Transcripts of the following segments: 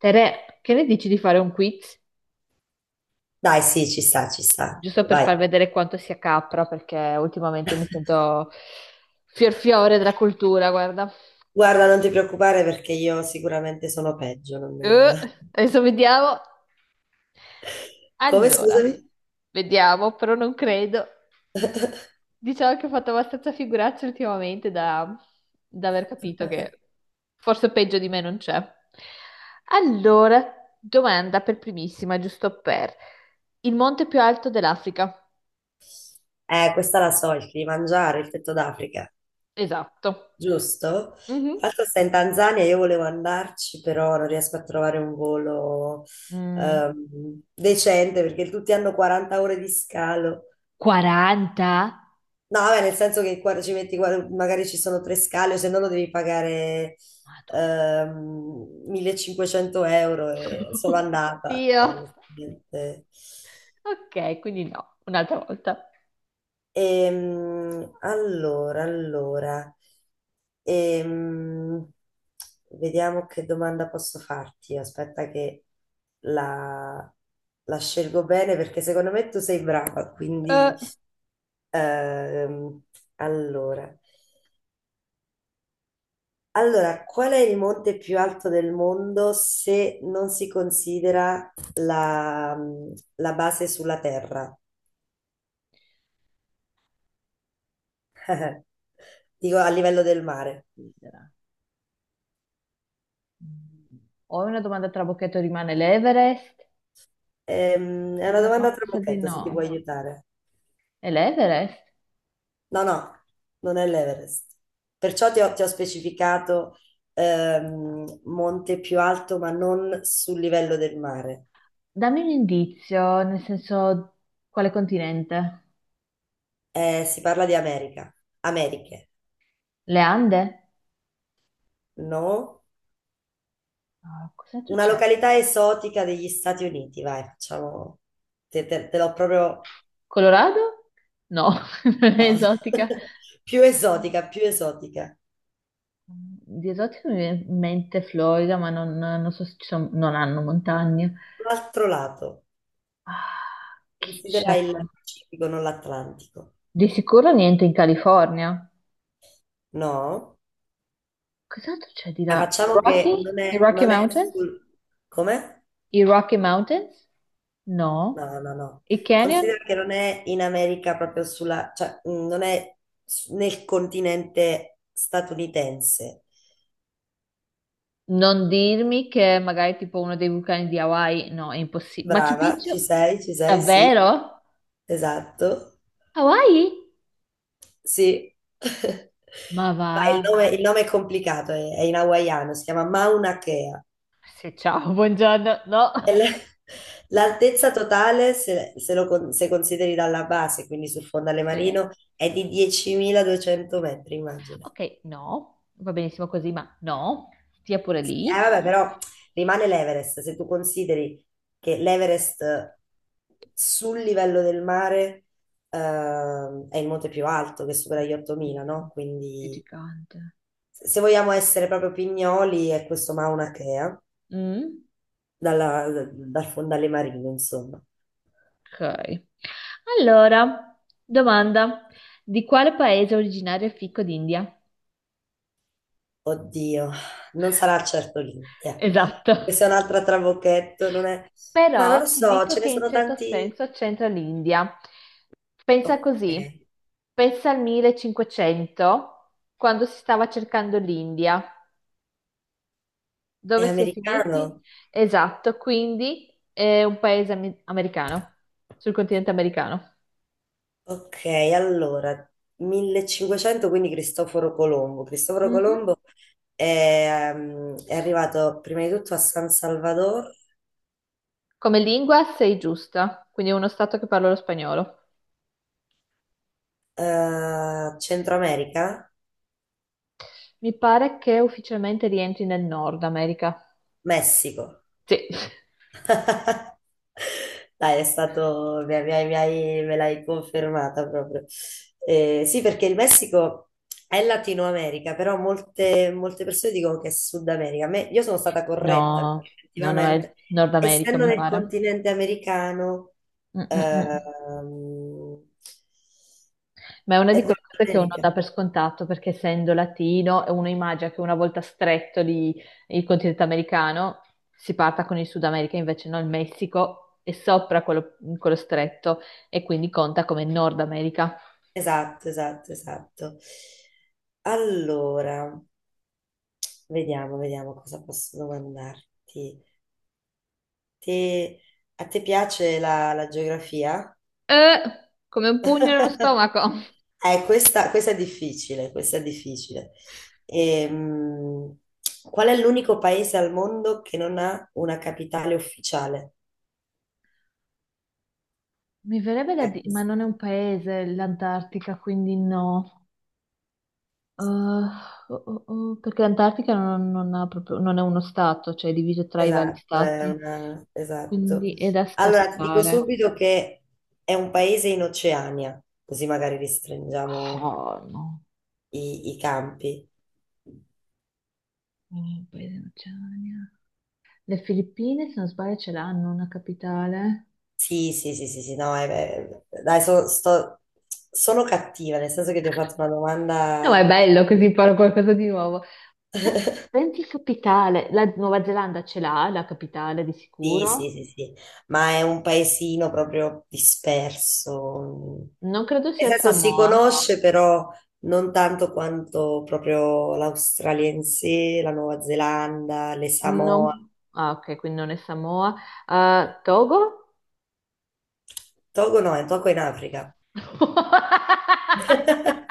Tere, che ne dici di fare un quiz? Dai, sì, ci sta, ci sta. Giusto per Vai. far vedere quanto sia capra, perché ultimamente mi sento fiorfiore della cultura, guarda. Guarda, non ti preoccupare perché io sicuramente sono peggio. Non- Eh, Adesso vediamo. Come, Allora, scusami? vediamo, però non credo. Diciamo che ho fatto abbastanza figuracce ultimamente da aver capito che forse peggio di me non c'è. Allora, domanda per primissima, giusto per il monte più alto dell'Africa. Questa la so, il mangiare, il petto d'Africa, Esatto. giusto? Mhm. Tra l'altro sta in Tanzania, io volevo andarci, però non riesco a trovare un volo Mm, decente perché tutti hanno 40 ore di scalo. 40? No, vabbè, nel senso che ci metti, magari ci sono tre scale, o se no lo devi pagare Madonna. 1.500 euro e solo andata. Dio. E onestamente- Ok, quindi no, un'altra volta. Allora, allora, ehm, vediamo che domanda posso farti. Aspetta che la, la scelgo bene perché secondo me tu sei brava, quindi Eh, ehm, allora. Allora, qual è il monte più alto del mondo se non si considera la base sulla terra? Dico a livello del mare. Considera. Mm. Ho una domanda trabocchetto, rimane l'Everest? È una No. No, domanda a mi sa di trabocchetto no. se ti può aiutare. È l'Everest? No, no, non è l'Everest. Perciò ti ho specificato monte più alto, ma non sul livello del mare. Dammi un indizio, nel senso, quale continente? Si parla di America. Americhe, Le Ande? no? Ah, cos'altro Una c'è? località esotica degli Stati Uniti, vai, facciamo. Te l'ho proprio. Colorado? No, non è No. esotica. Più esotica, più esotica. Di esotico mi viene in mente Florida, ma non so se ci sono, non hanno montagne. L'altro lato. Ah, chi c'è? Considera il Pacifico, non l'Atlantico. Di sicuro niente in California. No? Cos'altro c'è di Ah, là? facciamo che Rocky? non I è, Rocky non è Mountains? sul. Come? I Rocky Mountains? No. No, no, no. I Canyon? Considera che non è in America proprio sulla, cioè non è nel continente statunitense. Non dirmi che magari tipo uno dei vulcani di Hawaii, no, è impossibile. Machu Brava, Picchu? Ci sei, sì. Davvero? Esatto. Hawaii? Sì. Ma va. Vai, il nome è complicato, è in hawaiano, si chiama Mauna Kea. Sì, ciao, buongiorno. No. E l- L'altezza totale, se consideri dalla base, quindi sul fondale Sì. marino, è di 10.200 metri, immagina. Ok, no, va benissimo così, ma no, stia pure lì. Vabbè, però rimane l'Everest. Se tu consideri che l'Everest sul livello del mare, è il monte più alto, che supera gli 8.000, no? Dio, che Quindi gigante. se vogliamo essere proprio pignoli, è questo Maunakea, Mm, dal fondale marino, insomma. ok. Allora, domanda. Di quale paese è originario il fico d'India? Oddio, non sarà certo l'India. Esatto. Questa è un'altra trabocchetto, non è. Ma non lo Però ti so, dico ce che ne in sono certo tanti. senso c'entra l'India. Pensa così, Ok, pensa al 1500, quando si stava cercando l'India. è Dove si è finiti? americano? Esatto, quindi è un paese americano, sul continente americano. Ok, allora, 1500, quindi Cristoforo Colombo. Cristoforo Mhm. Colombo è, è arrivato prima di tutto a San Salvador, Come lingua sei giusta, quindi è uno stato che parla lo spagnolo. Centro America, Mi pare che ufficialmente rientri nel Nord America. Messico. Sì. Dai, è stato, me l'hai confermata proprio. Sì, perché il Messico è Latino America, però molte, molte persone dicono che è Sud America. Io sono stata corretta, perché No, no, no, è effettivamente, il Nord America, essendo mi nel pare. continente americano, Mm, mm, mm. ehm, Ma è una è di Nord quelle cose che uno America. dà per scontato perché essendo latino uno immagina che una volta stretto lì il continente americano si parta con il Sud America, invece no, il Messico è sopra quello stretto e quindi conta come Nord America. Esatto, esatto, esatto. Allora, vediamo, vediamo cosa posso domandarti. Ti- A te piace la geografia? Eh, come un pugno nello stomaco. Questa è difficile, questa è difficile. Ehm, Qual è l'unico paese al mondo che non ha una capitale ufficiale? Mi verrebbe da Eh, dire, ma questa- non è un paese l'Antartica, quindi no. Oh, oh, oh, perché l'Antartica non ha proprio, non è uno stato, cioè è diviso tra i vari esatto, è stati, esatto. quindi è da Allora, ti dico scartare. subito che è un paese in Oceania, così magari restringiamo Oh, no, i campi. oh, paese dell'Oceania. Le Filippine, se non sbaglio, ce l'hanno una capitale. Sì, sì, sì, sì, sì, no, beh, dai, sono cattiva, nel senso che ti ho fatto una No, ma domanda, è bello così imparo qualcosa di nuovo. Da- Pensi capitale. La Nuova Zelanda ce l'ha, la capitale di sì, sicuro. sì, sì, sì, ma è un paesino proprio disperso, Non credo nel sia senso si Samoa. conosce però non tanto quanto proprio l'australiense, la Nuova Zelanda, le Samoa, No. Ah, ok, quindi non è Samoa. Togo? Togo no, è Togo è in Africa.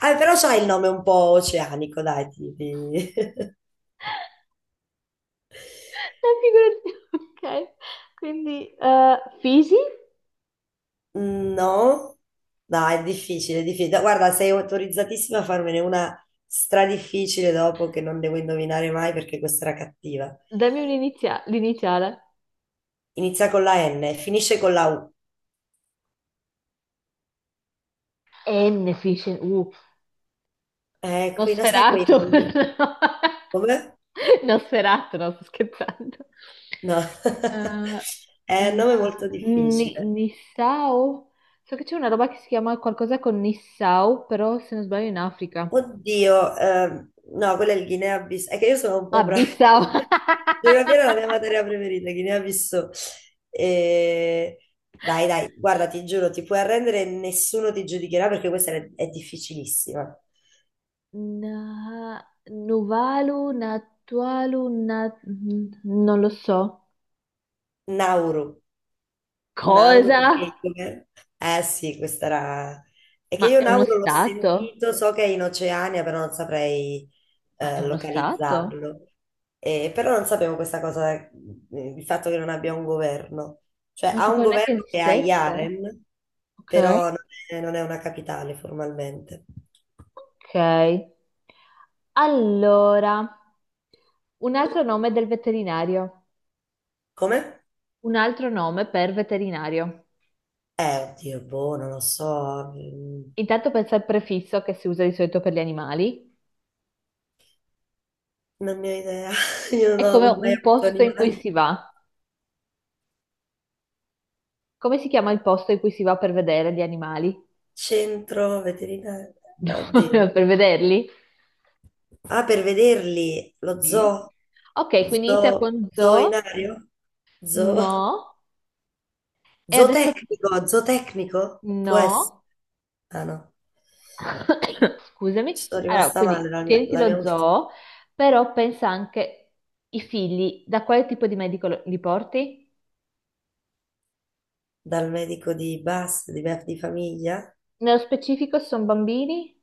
Ah, però c'ha il nome un po' oceanico, dai, tipi. La figura di... Ok, quindi Fiji? No, dai, è difficile, è difficile. Guarda, sei autorizzatissima a farmene una stradifficile dopo che non devo indovinare mai perché questa era cattiva. Dammi l'iniziale. Inizia con la N, e finisce con la U. N Fish and... qui non sai quei Nosferatu. nomi. Come? No. Nosferatu, no, sto scherzando. No. È un nome molto difficile. Nissau? So che c'è una roba che si chiama qualcosa con Nissau, però se non sbaglio in Africa. Oddio, no, quella è il Guinea-Bissau. È che io sono un Ah, po' brava. Bissau. Geografia era la mia materia preferita, Guinea-Bissau. E- Dai, dai, guarda, ti giuro, ti puoi arrendere, e nessuno ti giudicherà perché questa è difficilissima. Na- Nuvalu, Natualu, non lo so. Nauru. Nauro Cosa? perché eh sì, questa era. È che Ma io è uno Nauro l'ho stato? sentito, so che è in Oceania, però non saprei Ma è uno stato? localizzarlo. Però non sapevo questa cosa, il fatto che non abbia un governo. Cioè Non ha un sapevo neanche governo che ha esistesse. Yaren, Ok. però non è una capitale formalmente. Ok. Allora, un altro nome del veterinario. Come? Un altro nome per veterinario. Oddio, boh, non lo so, Intanto pensa al prefisso che si usa di solito per gli animali. non ne ho idea. Io È non come ho mai un avuto posto in cui animali. si va. Come si chiama il posto in cui si va per vedere gli animali? Centro veterinario, oddio. Per vederli? Ah, per vederli, lo zoo, Sì. Ok, quindi inizia zoo, con zoo. zoinario, zoo, No. E adesso zootecnico, zootecnico, può essere. no. Ah no, Scusami. ci sono Allora, rimasta male quindi tieniti la mia lo ultima, zoo, però pensa anche i figli, da quale tipo di medico li porti? dal medico di base, di famiglia, Nello specifico sono bambini?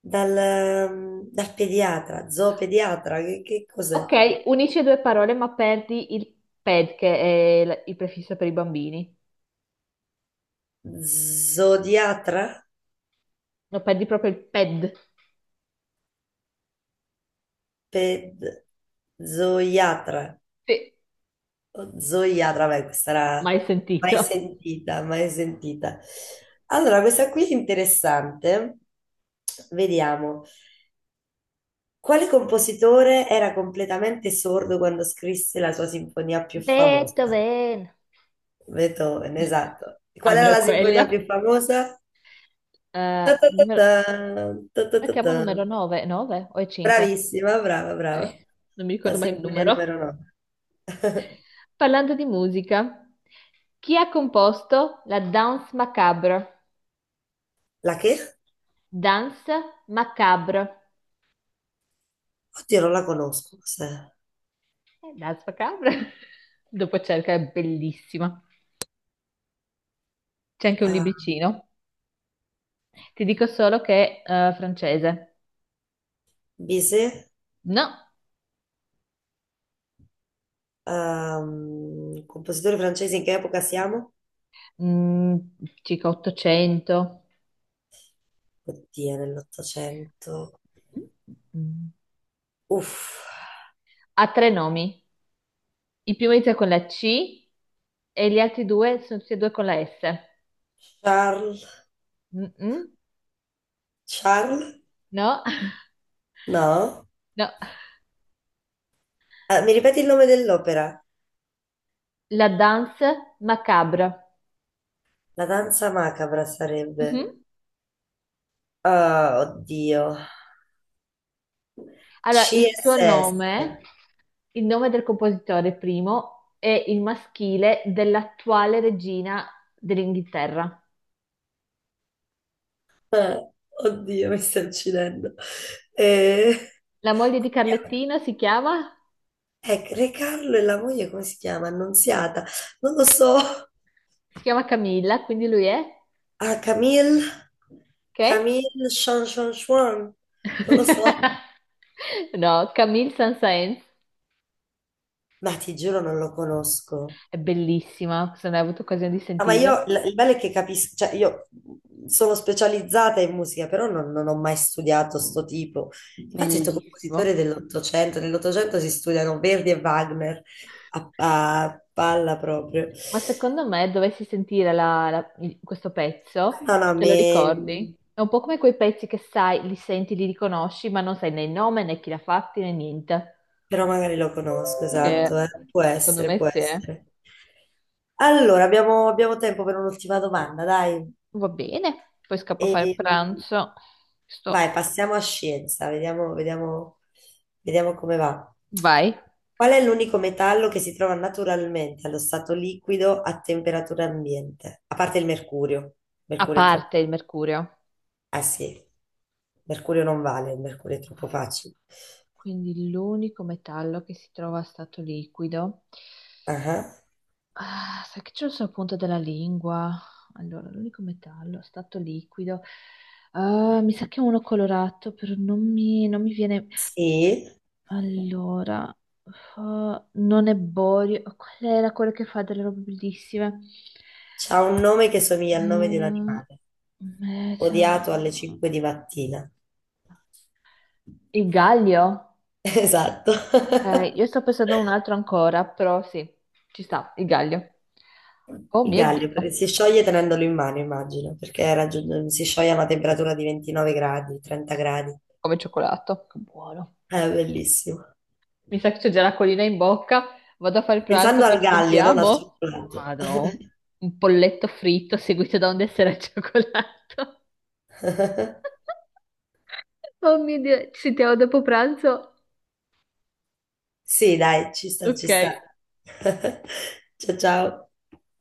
dal pediatra, zoopediatra, che cos'è? Ok, unisci due parole, ma perdi il ped, che è il prefisso per i bambini. Zodiatra? No, perdi proprio il ped. Ped. Zoiatra. Sì, Oh, Zoiatra, beh, questa era mai mai sentito. sentita, mai sentita. Allora, questa qui è interessante. Vediamo. Quale compositore era completamente sordo quando scrisse la sua sinfonia più famosa? Beethoven. Beethoven, esatto. Qual era Almeno la quello. sinfonia più famosa? Ta ta ta Numero... ta, ta ta La ta chiamo ta. numero 9, 9 o è 5? Bravissima, brava, brava. Non mi La ricordo mai il sinfonia numero. numero 9. Parlando di musica, chi ha composto la Danse macabre? La che? Danse macabre. Oddio, non la conosco. Cos'è? Danse macabre? Dopo cerca, è bellissima. C'è anche un Ah, libricino. Ti dico solo che è francese. Bizet? No, Compositore francese, in che epoca siamo? Mm, circa 800. Oddio, nell'Ottocento. Mm. Uff, Ha tre nomi. Il primo inizia con la C e gli altri due sono tutti e due con la S. Charles, Mm-mm. Charles? No, No? no. Mi ripeti il nome dell'opera? La Danse macabre. La danza macabra sarebbe. Mhm. Ah, oddio. Allora, CSS. Il nome del compositore primo, è il maschile dell'attuale regina dell'Inghilterra. Eh, oddio, mi sto uccidendo. Eh, La moglie di come si chiama? Carlettino si chiama? Re Carlo e la moglie, come si chiama? Annunziata. Non lo so. Si chiama Camilla, quindi lui è? Ah, Camille, Ok? Camille Sean Sean Sean, non lo so, No, Camille Saint-Saëns. ma ti giuro non lo conosco. È bellissima, se non hai avuto occasione di Ah, ma sentirla. io, il bello è che capisco, cioè io sono specializzata in musica, però non ho mai studiato sto tipo. Infatti ho detto Bellissimo. compositore dell'Ottocento, nell'Ottocento si studiano Verdi e Wagner a palla proprio. Ma secondo me dovessi sentire questo Ah, pezzo, no, no, te lo ricordi? È un po' come quei pezzi che sai, li senti, li riconosci, ma non sai né il nome né chi l'ha fatti né niente. però magari lo conosco, esatto, Che eh. Può secondo essere, può me sì. Eh. essere. Allora, abbiamo tempo per un'ultima domanda, dai. Va bene, poi scappo a fare il E, pranzo. Sto... vai, passiamo a scienza, vediamo, vediamo, vediamo come va. Vai. Qual è l'unico metallo che si trova naturalmente allo stato liquido a temperatura ambiente? A parte il mercurio. A Mercurio è parte troppo. il mercurio. Ah sì, mercurio non vale, il mercurio è troppo facile. Quindi l'unico metallo che si trova a stato liquido. Ah, Ah, sai che c'è sul punto della lingua. Allora, l'unico metallo, stato liquido. Ah, mi sa che è uno colorato, però non mi viene. sì. Allora, non è borio. Qual era quello che fa delle robe bellissime? C'ha un nome che somiglia al nome di un Ah, animale, meta- odiato alle ah. 5 di mattina. Il Gallio? Esatto. Ok, io sto pensando a un altro ancora, però sì, ci sta, il Gallio. Oh Il mio Dio, gallio perché si scioglie tenendolo in mano, immagino, perché si scioglie a una temperatura di 29 gradi, 30 gradi. come cioccolato, che buono. È bellissimo. Mi sa che c'è già la colina in bocca. Vado a fare pranzo, Pensando poi al ci gallio, non al sentiamo. cioccolato. Madò. Un polletto fritto seguito da un dessert al cioccolato. Oh mio Dio, ci sentiamo dopo pranzo. Sì, dai, ci sta, ci Ok. sta. Ciao, ciao.